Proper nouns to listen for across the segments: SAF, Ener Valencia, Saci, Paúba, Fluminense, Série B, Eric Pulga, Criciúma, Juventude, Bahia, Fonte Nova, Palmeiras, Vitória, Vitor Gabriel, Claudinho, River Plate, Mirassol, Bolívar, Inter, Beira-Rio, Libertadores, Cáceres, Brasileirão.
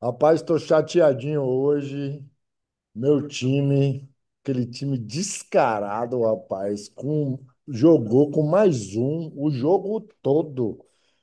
Rapaz, estou chateadinho hoje. Meu time, aquele time descarado, rapaz, jogou com mais um o jogo todo.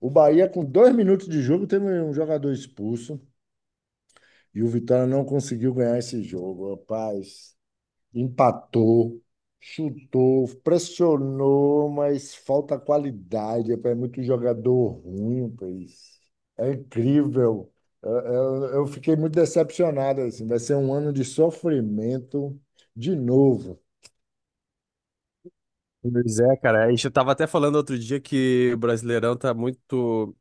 O Bahia, com 2 minutos de jogo, teve um jogador expulso e o Vitória não conseguiu ganhar esse jogo, rapaz. Empatou, chutou, pressionou, mas falta qualidade. É muito jogador ruim, pois. É incrível. Eu fiquei muito decepcionado, assim. Vai ser um ano de sofrimento de novo. Pois é, cara. A gente tava até falando outro dia que o Brasileirão tá muito,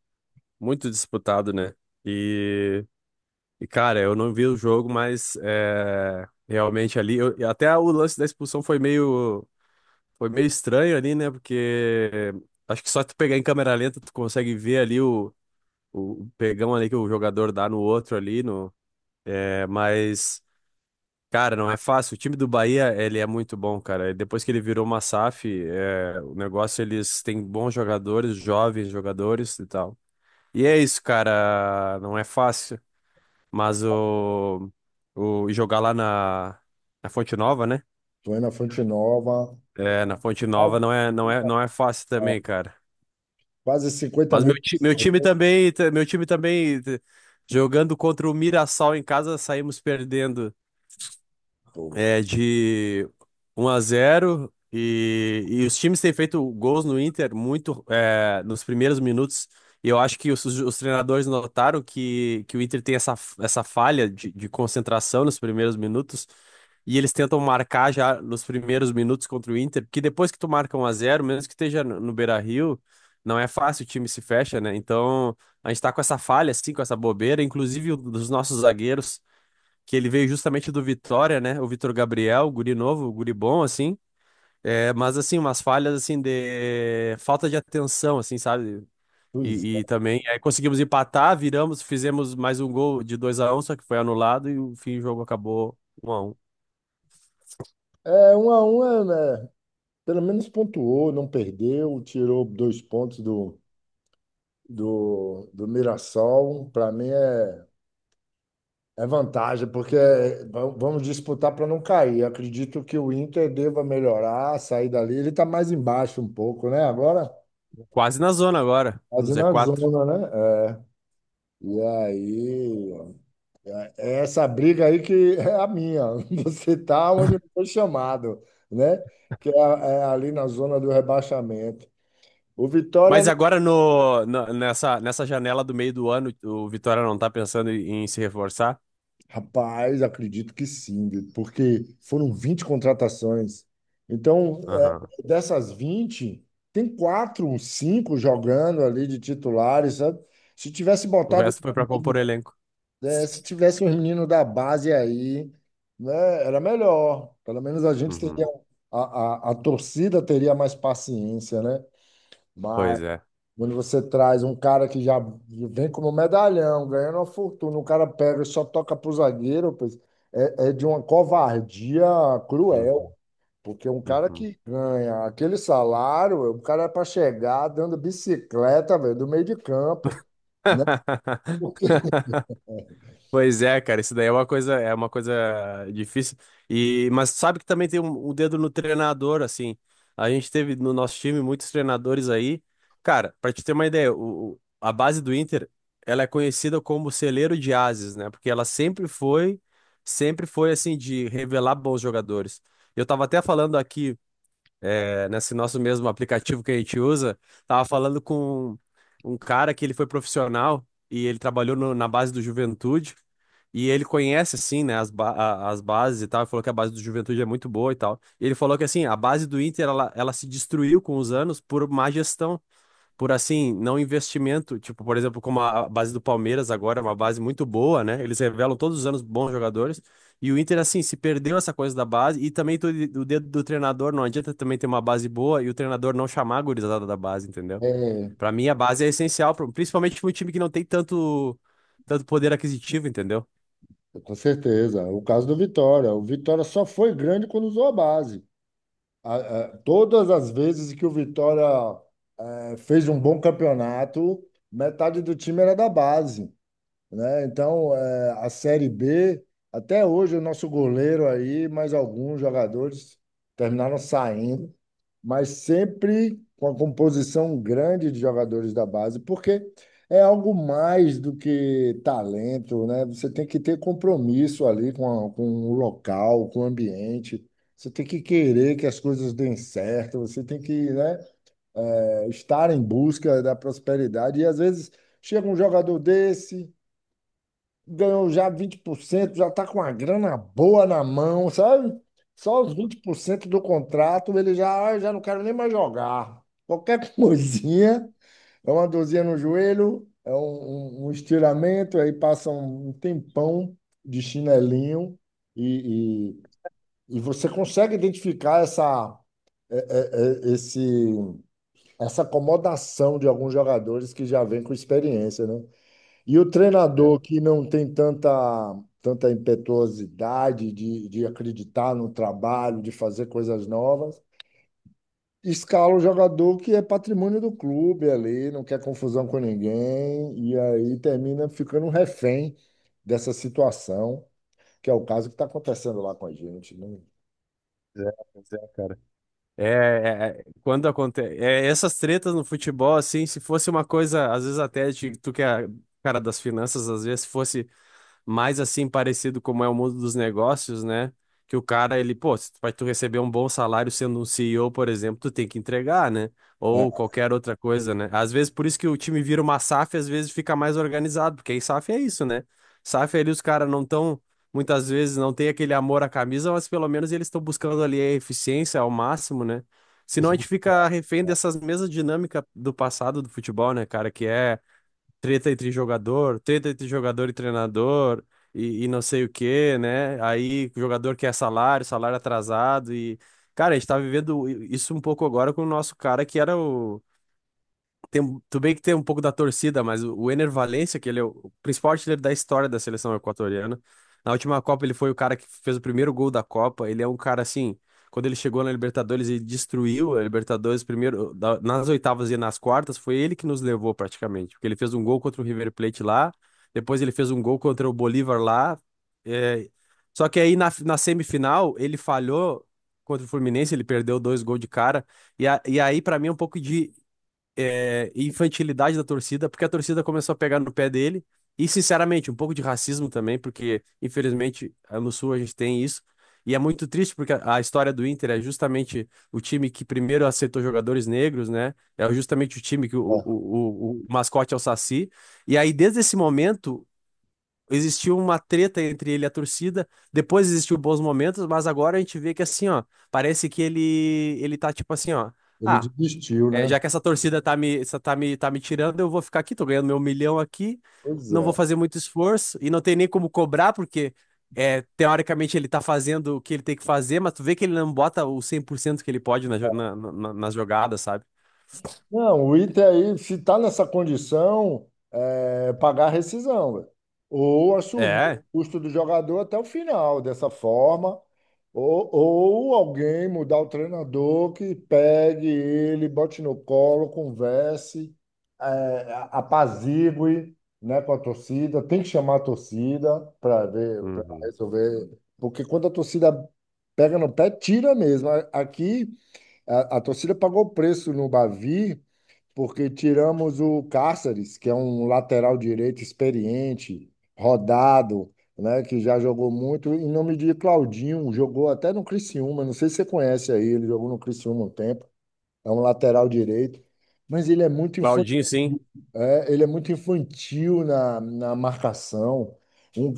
muito disputado, né? E, e, cara, eu não vi o jogo, mas realmente ali, e até o lance da expulsão foi meio estranho ali, né? Porque acho que só tu pegar em câmera lenta tu consegue ver ali o pegão ali que o jogador dá no outro ali, é, mas cara, não é fácil. O time do Bahia, ele é muito bom, cara. Depois que ele virou uma SAF, o negócio, eles têm bons jogadores, jovens jogadores e tal. E é isso, cara. Não é fácil. Mas o jogar lá na Fonte Nova, né? Tô indo na Fonte Nova, É, na Fonte Nova quase não é fácil também, cara. quase 50 Mas mil meu, ti- meu time pessoas. também, meu time também, jogando contra o Mirassol em casa, saímos perdendo. Porra. De 1 a 0 e os times têm feito gols no Inter muito nos primeiros minutos. E eu acho que os treinadores notaram que o Inter tem essa falha de concentração nos primeiros minutos. E eles tentam marcar já nos primeiros minutos contra o Inter, porque depois que tu marca 1 a 0 mesmo que esteja no Beira-Rio, não é fácil, o time se fecha, né? Então, a gente tá com essa falha, assim, com essa bobeira, inclusive dos nossos zagueiros que ele veio justamente do Vitória, né? O Vitor Gabriel, guri novo, guri bom, assim. Mas, assim, umas falhas, assim, de falta de atenção, assim, sabe? Pois E também, aí conseguimos empatar, viramos, fizemos mais um gol de 2 a 1, só que foi anulado e o fim do jogo acabou 1 a 1. é. É, 1 a 1, é, né? Pelo menos pontuou, não perdeu, tirou 2 pontos do Mirassol. Para mim é vantagem, porque vamos disputar para não cair. Acredito que o Inter deva melhorar, sair dali. Ele está mais embaixo um pouco, né? Agora, Quase na zona agora, no quase z na quatro. zona, né? É. E aí, é essa briga aí que é a minha. Você tá onde foi chamado, né? Que é, é ali na zona do rebaixamento. O Mas Vitória. agora no, nessa janela do meio do ano, o Vitória não tá pensando em, em se reforçar? Rapaz, acredito que sim, porque foram 20 contratações. Então, é, Aham. dessas 20 tem quatro, cinco jogando ali de titulares, sabe? Se tivesse O botado, resto foi pra compor elenco. é, se tivesse um menino da base aí, né, era melhor. Pelo menos a gente teria, Uhum. a torcida teria mais paciência, né? Pois é. Quando você traz um cara que já vem como medalhão, ganhando uma fortuna, o cara pega e só toca pro zagueiro. Pois é, é de uma covardia cruel, Uhum. porque um cara Uhum. que ganha aquele salário, o cara é para chegar dando bicicleta, velho, do meio de campo, né? Pois é, cara, isso daí é uma coisa difícil. E mas sabe que também tem um dedo no treinador, assim. A gente teve no nosso time muitos treinadores aí. Cara, pra te ter uma ideia, o, a base do Inter, ela é conhecida como celeiro de ases, né? Porque ela sempre foi assim de revelar bons jogadores. Eu tava até falando aqui nesse nosso mesmo aplicativo que a gente usa, tava falando com um cara que ele foi profissional e ele trabalhou na base do Juventude. E ele conhece, assim, né, as, as bases e tal. Ele falou que a base do Juventude é muito boa e tal. E ele falou que, assim, a base do Inter, ela se destruiu com os anos por má gestão, por assim, não investimento, tipo, por exemplo, como a base do Palmeiras agora, é uma base muito boa, né? Eles revelam todos os anos bons jogadores. E o Inter, assim, se perdeu essa coisa da base e também o dedo do treinador, não adianta também ter uma base boa e o treinador não chamar a gurizada da base, entendeu? É, Pra mim, a base é essencial, principalmente pra um time que não tem tanto, tanto poder aquisitivo, entendeu? com certeza. O caso do Vitória. O Vitória só foi grande quando usou a base. A- Todas as vezes que o Vitória fez um bom campeonato, metade do time era da base. Né? Então, é, a Série B, até hoje, o nosso goleiro aí, mais alguns jogadores terminaram saindo, mas sempre com a composição grande de jogadores da base, porque é algo mais do que talento, né? Você tem que ter compromisso ali com, com o local, com o ambiente. Você tem que querer que as coisas deem certo, você tem que, né, é, estar em busca da prosperidade. E às vezes chega um jogador desse, ganhou já 20%, já está com uma grana boa na mão, sabe? Só os 20% do contrato, ele já: "Ah, eu já não quero nem mais jogar. Qualquer coisinha, é uma dorzinha no joelho, é um estiramento, aí passa um tempão de chinelinho e, e, e você consegue identificar essa, é, é, esse, essa acomodação de alguns jogadores que já vem com experiência, né? E o É, treinador que não tem tanta impetuosidade de acreditar no trabalho, de fazer coisas novas, escala o jogador que é patrimônio do clube ali, não quer confusão com ninguém, e aí termina ficando um refém dessa situação, que é o caso que está acontecendo lá com a gente, né? é, é, cara. É, é, é, quando acontece essas tretas no futebol, assim, se fosse uma coisa, às vezes até de, tu que é cara das finanças, às vezes se fosse mais assim parecido como é o mundo dos negócios, né? Que o cara, ele, pô, se pra tu receber um bom salário sendo um CEO, por exemplo, tu tem que entregar, né? Ou É. qualquer outra coisa, né? Às vezes, por isso que o time vira uma SAF, às vezes fica mais organizado, porque aí SAF é isso, né? SAF ali os caras não estão, muitas vezes não tem aquele amor à camisa, mas pelo menos eles estão buscando ali a eficiência ao máximo, né? os- Senão a é, gente fica refém dessas mesmas dinâmicas do passado do futebol, né, cara? Que é treta entre jogador e treinador, e não sei o quê, né? Aí o jogador quer salário, salário atrasado, e, cara, a gente tá vivendo isso um pouco agora com o nosso cara que era o, tem, tudo bem que tem um pouco da torcida, mas o Ener Valencia, que ele é o principal artilheiro da história da seleção equatoriana. Na última Copa, ele foi o cara que fez o primeiro gol da Copa. Ele é um cara assim, quando ele chegou na Libertadores e destruiu a Libertadores primeiro nas oitavas e nas quartas, foi ele que nos levou praticamente, porque ele fez um gol contra o River Plate lá, depois ele fez um gol contra o Bolívar lá. é, Só que aí na semifinal ele falhou contra o Fluminense, ele perdeu dois gols de cara. E, e aí, pra mim, é um pouco de infantilidade da torcida, porque a torcida começou a pegar no pé dele. E, sinceramente, um pouco de racismo também, porque, infelizmente, ah, no Sul a gente tem isso. E é muito triste, porque a história do Inter é justamente o time que primeiro aceitou jogadores negros, né? É justamente o time que o, é, o, o, o mascote é o Saci. E aí, desde esse momento, existiu uma treta entre ele e a torcida. Depois existiu bons momentos, mas agora a gente vê que, assim, ó, parece que ele tá tipo assim, ó. Ele Ah, desistiu, é, né? já que essa torcida tá me, essa tá me tirando, eu vou ficar aqui, tô ganhando meu milhão aqui, Pois não vou é. fazer muito esforço e não tem nem como cobrar, porque é, teoricamente ele tá fazendo o que ele tem que fazer, mas tu vê que ele não bota o 100% que ele pode na, nas jogadas, sabe? Não, o Inter aí, se está nessa condição, é pagar a rescisão, velho. Ou assumir É. o custo do jogador até o final, dessa forma, ou alguém mudar o treinador que pegue ele, bote no colo, converse, é, apazigue, né, com a torcida. Tem que chamar a torcida para ver, para Uhum. resolver, porque quando a torcida pega no pé, tira mesmo. Aqui, a torcida pagou o preço no Bavi porque tiramos o Cáceres, que é um lateral direito experiente, rodado, né, que já jogou muito, em nome de Claudinho, jogou até no Criciúma, não sei se você conhece aí, ele jogou no Criciúma um tempo. É um lateral direito, mas ele é muito infantil. Claudinho, sim. É, ele é muito infantil na marcação. Um-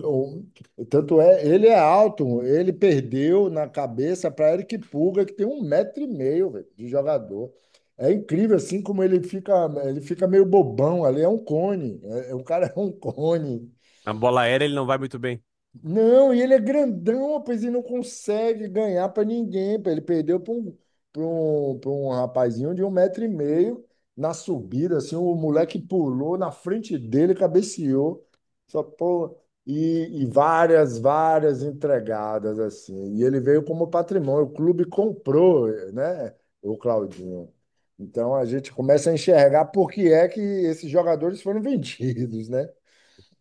um- Tanto é, ele é alto, ele perdeu na cabeça para Eric Pulga, que tem 1 metro e meio, velho, de jogador. É incrível assim como ele fica meio bobão ali, é um cone. É, o cara é um cone. A bola aérea ele não vai muito bem. Não, e ele é grandão, rapaz, e não consegue ganhar para ninguém. Pô. Ele perdeu para um, pra um, pra um rapazinho de 1 metro e meio na subida, assim, o moleque pulou na frente dele, cabeceou. Só, pô, e várias, várias entregadas, assim. E ele veio como patrimônio. O clube comprou, né, o Claudinho. Então a gente começa a enxergar por que é que esses jogadores foram vendidos, né?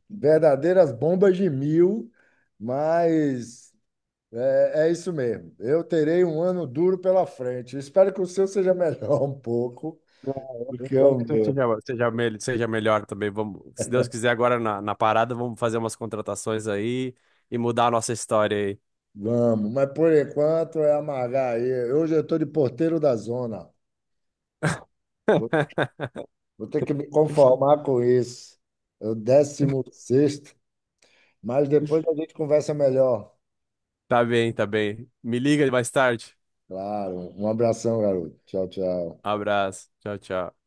Verdadeiras bombas de mil, mas é isso mesmo. Eu terei um ano duro pela frente. Espero que o seu seja melhor um pouco É, do Eu que espero o que você meu. seja, seja melhor também. Vamos, se Deus quiser, agora na parada, vamos fazer umas contratações aí e mudar a nossa história Vamos, mas por enquanto é amargar aí. Hoje eu estou de porteiro da zona. Vou, aí. vou ter que me conformar com isso. É o 16º, mas depois a gente conversa melhor. Tá bem, tá bem. Me liga mais tarde. Claro. Um abração, garoto. Tchau, tchau. Abraço. Tchau, tchau.